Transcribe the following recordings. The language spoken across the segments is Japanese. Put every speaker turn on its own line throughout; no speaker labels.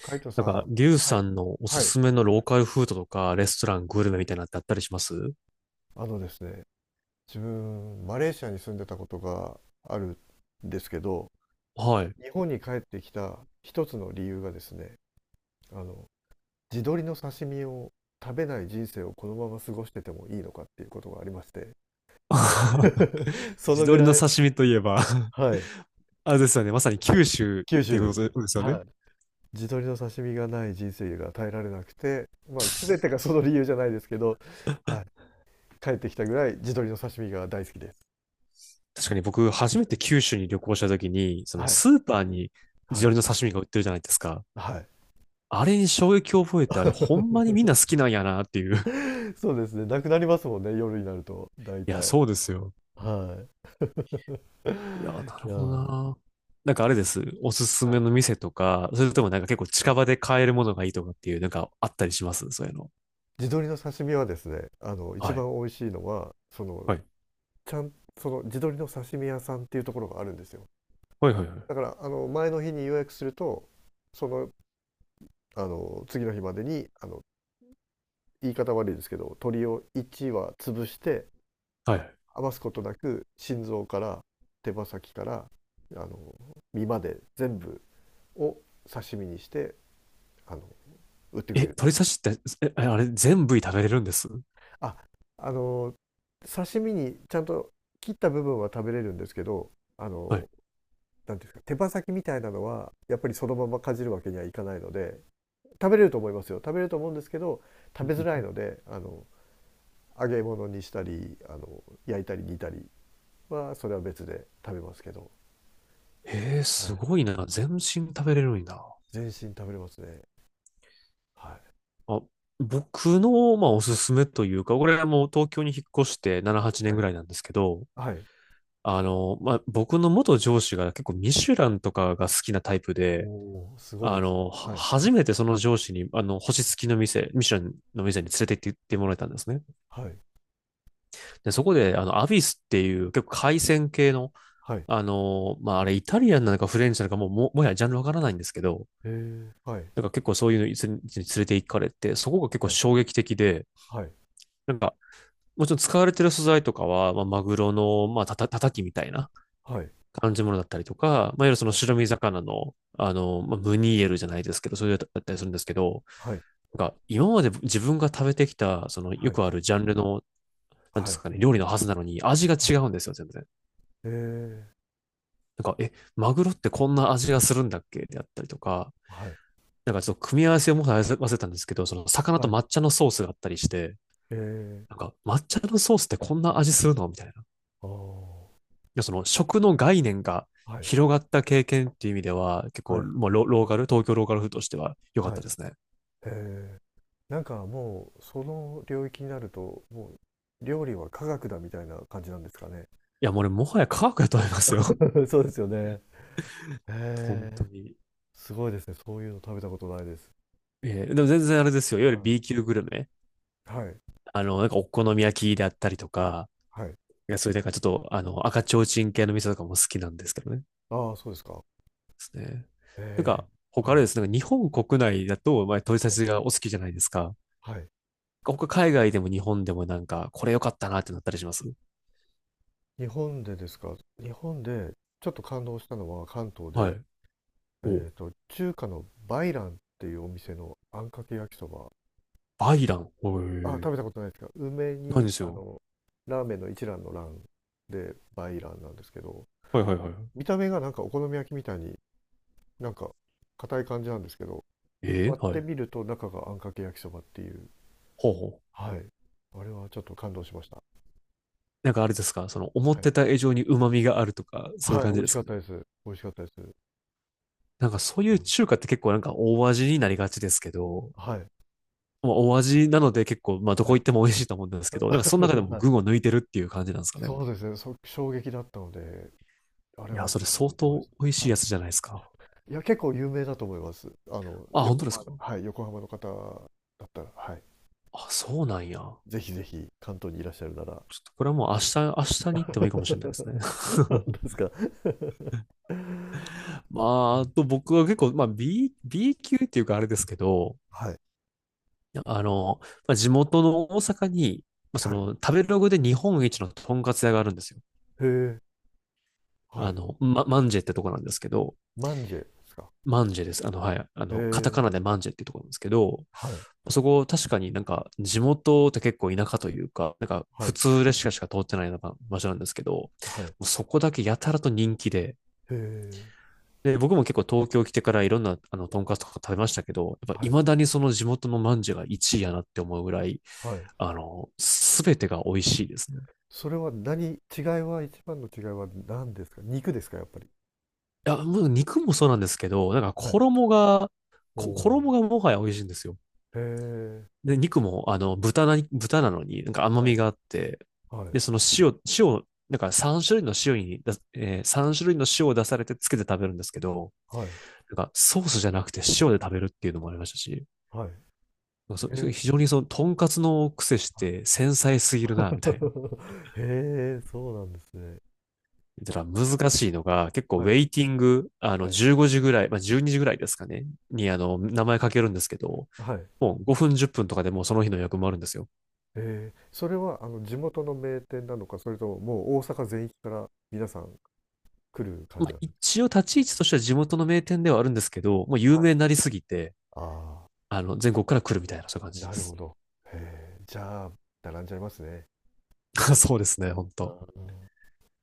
カイト
なん
さん、
か、リュウ
は
さ
い、
んのお
は
す
い、
すめのローカルフードとか、レストラン、グルメみたいなのってあったりします？
あのですね、自分、マレーシアに住んでたことがあるんですけど、
はい。
日本に帰ってきた一つの理由がですね、あの、地鶏の刺身を食べない人生をこのまま過ごしててもいいのかっていうことがありまして、そ
地
のぐ
鶏の
らい、
刺身といえば
はい、
あれですよね。まさに
はい、
九州っ
九
ていうこ
州、
とですよね。
はい。地鶏の刺身がない人生が耐えられなくて、まあ、全てがその理由じゃないですけど、はい、帰ってきたぐらい地鶏の刺身が大好きです。
確かに僕、初めて九州に旅行した時に、その
はい、
スーパーに地
はい
鶏の刺身が売ってるじゃないですか。
はい。
あれに衝撃を覚えて、あれ、ほんまにみんな 好きなんやなっていう。
そうですね、なくなりますもんね、夜になると、大
いや、
体。
そうですよ。
はい。い
いや、なる
や
ほど
ー、
な。なんかあれです。おすす
は
め
い。
の店とか、それともなんか結構近場で買えるものがいいとかっていう、なんかあったりします、そういうの？
地鶏の刺身はですね、一
はい。
番美味しいのは、その、
はい。
ちゃん、その地鶏の刺身屋さんっていうところがあるんですよ。
はいはいは
だか
い。
ら、あの、前の日に予約すると、その、次の日までに、言い方悪いですけど、鶏を1羽潰して、
は
あ
い。
余すことなく、心臓から手羽先から、あの、身まで全部を刺身にしてあの売ってく
え、
れるんで
鳥
すよ。
刺しって、え、あれ、全部食べれるんです？
ああの刺身にちゃんと切った部分は食べれるんですけど、あ
は
の
い。
なんていうんですか、手羽先みたいなのはやっぱりそのままかじるわけにはいかないので、食べれると思うんですけど、
う
食
ん
べ
う
づらい
ん。
ので、揚げ物にしたり、焼いたり煮たりはそれは別で食べますけど、
へえ、
は
す
い、
ごいな。全身食べれるんだ。
全身食べれますね。はい、
あ、僕の、まあ、お
は
す
い、
すめというか、これはもう東京に引っ越して7、8
は
年ぐ
い、
らいなんですけど、
はい。
あの、まあ、僕の元上司が結構ミシュランとかが好きなタイプ
お
で、
おー、すごいで
あ
すね。
の、
はい、
初めてその上司に、あの、星付きの店、ミシュランの店に連れて行ってもらえたんですね。
はい、
で、そこで、あの、アビスっていう結構海鮮系の、
はい。へ
あの、まあ、あれ、イタリアンなのかフレンチなのかもう、はやジャンルわからないんですけど、
え、はい。
なんから結構そういうのに連れて行かれて、そこが結構
はい、
衝撃的で、
はい、
なんか、もちろん使われてる素材とかは、まあ、マグロの、まあ、たたきみたいな
はい、
感じものだったりとか、まあ、いわゆるその
はい、
白身魚の、あの、まあ、ムニエルじゃないですけど、そういうのだったりするんですけど、
はい、
なんか、今まで自分が食べてきた、その、よ
はい、
くあるジャンルの、なんで
は
す
い、
かね、料理のはずなのに、味が
は
違
い、
うんですよ、全然。
ええ、
なんか、え、マグロってこんな味がするんだっけであったりとか、
はい、
なんかちょっと組み合わせをもう忘れたんですけど、その魚
は
と
い、
抹茶のソースがあったりして、
ええ、
なんか抹茶のソースってこんな味するのみたいな。い
ああ、は
や、その食の概念が
い、
広がった経験っていう意味では、結
は
構、
い、
もうロローカル、東京ローカル風としては良かっ
は
た
い、
ですね。
ええ、なんかもう、その領域になると、もう、料理は科学だみたいな感じなんですかね。
いや、もうね、もはや科学だと思いますよ。
そうですよね。へ
本当
え、
に。
すごいですね。そういうの食べたことないです。
でも全然あれですよ。いわゆる B
は
級グルメ。
い、はい、
あの、なんかお好み焼きであったりとか、
はい。
いやそれでなんかちょっと、あの、赤ちょうちん系の店とかも好きなんですけどね。
ああ、そうですか。
ですね。なん
ええ、
か、他
は
あれ
い、
ですね、なんか日本国内だと、まあ、取り差
はい、
しがお好きじゃないですか。
はい。
他海外でも日本でもなんか、これ良かったなってなったりします？
日本でですか。日本でちょっと感動したのは関東
は
で、
い。お、
えっと、中華のバイランっていうお店のあんかけ焼きそば。
バイラン。お
あ、食
え。
べたことないですか？梅
何
に、
です
あ
よ。
の、ラーメンの一蘭の蘭でバイランなんですけど、
はいはいはい。
見た目がなんかお好み焼きみたいになんか硬い感じなんですけど、
えー、
割っ
は
て
い。
みると中があんかけ焼きそばっていう。
ほうほう。
はい。あれはちょっと感動しました。
なんかあれですか、その思っ
はい。
てた以上に旨味があるとか、そういう
はい、美
感じ
味
で
し
す
かっ
かね。
たです。美味しかったです。
なんかそういう中華って結構なんか大味になりがちですけど、
はい。
まあ、大味なので結構、まあど
は
こ
い。
行っても美味しいと思うんですけど、なんかその中で も
は
群を
い。
抜いてるっていう感じなんですかね。
そうですね。衝撃だったので、あれ
いや、
はも
それ
う
相
出てま
当
し
美味し
た。
い
は
や
い。
つじゃないですか。
いや、結構有名だと思います。あの、
あ、本当
横
です
浜、
か？
はい、横浜の方だったら、はい。
あ、そうなんや。ちょ
ぜひぜひ、関東にいらっしゃるなら。
っとこれはもう明日、明日に行ってもいいかもしれないですね。
本当で すか。
まあ、あと僕は結構、まあ B 級っていうかあれですけど、
はい。
あの、まあ、地元の大阪に、まあ、そ
はい。
の食べログで日本一のとんかつ屋があるんですよ。
へえ。は
あ
い。
の、マンジェってとこなんですけど、
マンジェですか。
マンジェです。あの、はい。あ
へ
の、カタカ
え。
ナでマンジェっていうところなんですけど、
はい。
そこ確かになんか地元って結構田舎というか、なんか
は
普
い。
通列車しか通ってないような場所なんですけど、も
はい。へ
うそこだけやたらと人気で、
え。
で、僕も結構東京来てからいろんなあの、トンカツとか食べましたけど、やっぱ
はい。
未だにその地元のまんじゅうが1位やなって思うぐらい、
はい。
あの、すべてが美味しいですね。
それは何、違いは、一番の違いは何ですか？肉ですか、やっぱり。
いや、もう肉もそうなんですけど、なんか
はい。
衣が、
お
こ
お。
衣がもはや美味しいんですよ。
へえ。
で、肉も、あの、豚なのに、なんか甘
はい。
みがあって、
はい。
で、その塩、塩、なんか3種類の塩にだ、3種類の塩を出されてつけて食べるんですけど、
はい。
なんかソースじゃなくて塩で食べるっていうのもありましたし、
はい。
なんか
へえ。
非常にその、とんかつの癖し
は
て
い。
繊細すぎるな、みたいな。
へえ、そうなんですね。
だから難しいのが、結構
は
ウェ
い、
イティング、あ
は
の、
い、
15時ぐらい、まあ、12時ぐらいですかね、に、あの、名前かけるんですけど、
はい。
もう5分、10分とかでもうその日の予約もあるんですよ。
えー、それはあの地元の名店なのか、それとももう大阪全域から皆さん来る感
ま
じ
あ、
なんです
一応立ち位置としては地元の名店ではあるんですけど、もう有
か？はい。
名になりすぎて、
あ
あの、全国から来るみたいな、そういう感
あ、
じで
なる
す。
ほど。へえ、じゃあ、並んじゃいますね。
そうですね、本
う
当
ん。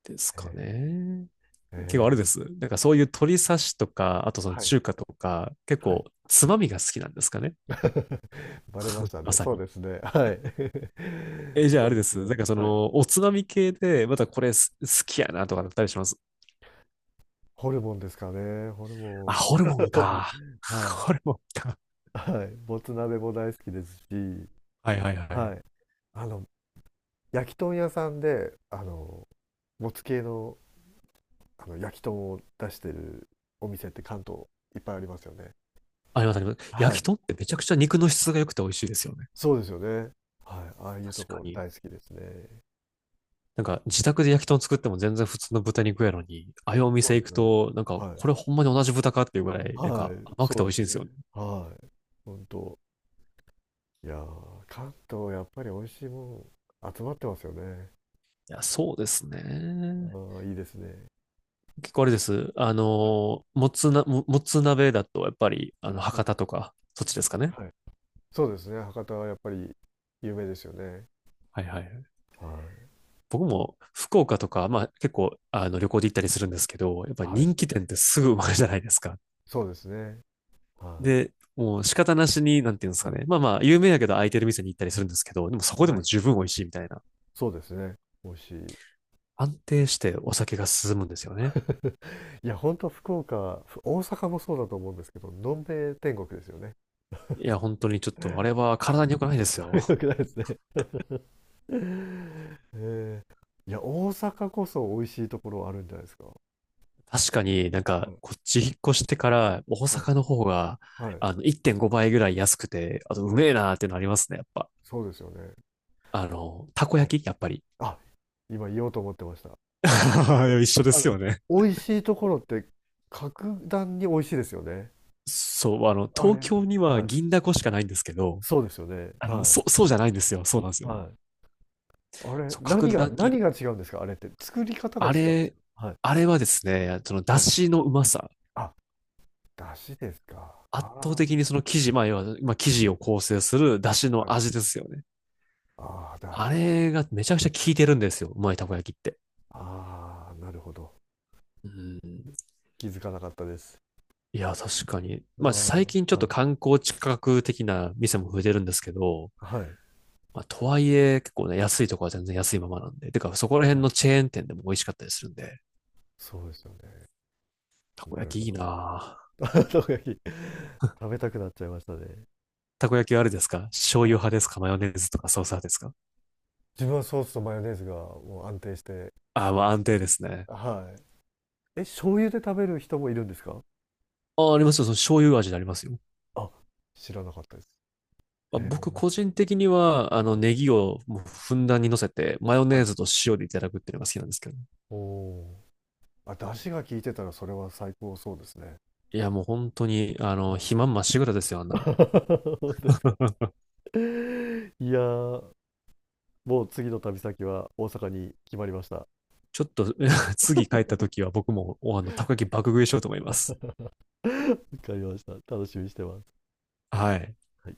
ですか
え
ね。
ー、え
結構あれ
ー、
です。なんかそういう鶏刺しとか、あとその
はい、
中華とか、結
は
構
い。
つまみが好きなんですかね。
バレました
ま
ね。
さ
そう
に。
ですね。はい。
え、じゃあ
そ
あ
う
れ
で
で
す
す。なん
ね。
かそ
はい。
の、おつまみ系で、またこれ好きやなとかだったりします？
ホルモンですかね。ホル
あ、
モン。
ホルモンか。
はい。
ホルモンか。
はい、もつ鍋も大好きですし、
はいはいはい。
はい、あの焼き豚屋さんで、あのもつ系の、あの焼き豚を出してるお店って関東いっぱいありますよね。
ありますあります。
は
焼き
い、
豚ってめちゃくちゃ肉の質が良くて美味しいですよね。
そうですよね。はい、ああいうと
確か
こ
に。
大好きですね。
なんか自宅で焼き豚作っても全然普通の豚肉やのに、ああいうお
そ
店
うで
行
す
く
よね。
と、なんか
はい、
これほんまに同じ豚かっていうぐらい、なん
は
か
い、
甘
そ
く
う
て
なん
美味
で
し
す
いん
よ
で
ね。
すよね。
はい、本当。いやー、関東やっぱり美味しいもん集まってますよね。
いや、そうですね。
ああ、いいですね。
結構あれです。あ
はい、
の、もつ鍋だとやっぱり、あの、
はい、
博多とか、そっちですかね。
はい。そうですね。博多はやっぱり有名ですよね。
はいはいはい。
はい。
僕も福岡とか、まあ結構あの旅行で行ったりするんですけど、やっぱり
はい。
人気店ってすぐ埋まるじゃないですか。
そうですね。は
で、もう仕方なしに、なんていうんです
い。
か
はい。
ね。まあまあ、有名やけど空いてる店に行ったりするんですけど、でもそこで
は
も
い。
十分美味しいみたいな。
そうですね。美味しい。
安定してお酒が進むんですよね。
いや、ほんと福岡、大阪もそうだと思うんですけど、のんべえ天国ですよね。
いや、本当にちょっと、あれは
は
体に良くないです
い
よ。
よ くないですね。えー、いや、大阪こそ美味しいところあるんじゃないですか。
確かになん
は
か、
い。
こっち引っ越してから、大
は
阪の
い。
方が、
はい。
あの、1.5倍ぐらい安くて、あと、う
は
め
い。
えなーっていうのありますね、やっぱ。
そうですよね。
あの、たこ
はい。
焼きやっぱり。
あ、今言おうと思ってました。
一緒で
あ
す
の、
よね。
美味しいところって格段に美味しいですよね。
そう、あの、
あれ。
東京には
はい。
銀だこしかないんですけど、
そうですよね。
あの、
は
そう、そうじゃないんですよ。そうなんです
い。
よ。
はい。あれ、
そう、格段に、
何が違うんですかあれって。作り方が
あ
違うんですよ、
れ、
はい。
あれはですね、その、出
はい。
汁のうまさ。
あ、だしですか。
圧倒
あ
的にその生地、まあ、要は、まあ、生地を構成する出汁
あ、は
の
い。
味ですよね。
ああ、だ
あ
しなんだ。
れがめちゃくちゃ効いてるんですよ。うまいたこ焼きって。
ああ、なるほど。
うん。
気づかなかったです。
いや、確かに。
あ
まあ、最近ちょ
あ、
っと
はい。
観光地価格的な店も増えてるんですけど、
はい。
まあ、とはいえ、結構ね、安いとこは全然安いままなんで。てか、そこら辺
あ、
のチェーン店でも美味しかったりするんで、
そうですよね。
たこ
なる
焼き
ほ
いい
ど。
なぁ。
生焼き、食べたくなっちゃいましたね。
たこ焼きはあれですか？醤
は
油
い。
派ですか？マヨネーズとかソース派ですか？
自分はソースとマヨネーズがもう安定して
ああ、ま
大
あ
好
安
きで
定
す。
ですね。
はい。え、醤油で食べる人もいるんですか？
ああ、ありますよ。その醤油味でありますよ。
あ、知らなかったです。
まあ、
へえ。
僕個人的には、あ
は
の、
い。
ネギをもうふんだんに乗せて、マヨ
は
ネ
い。
ーズと塩でいただくっていうのが好きなんですけど。
おお。あ、出汁が効いてたらそれは最高そうですね。
いや、もう本当に、あ
は
の、
い。
肥満まっしぐらですよ、あん な。
本当ですか。いやー、もう次の旅先は大阪に決まりました。わ
ちょっと、次帰った時は僕も、あの、たこ焼き爆食いしようと思います。
かりました。楽しみにしてます。
はい。
はい。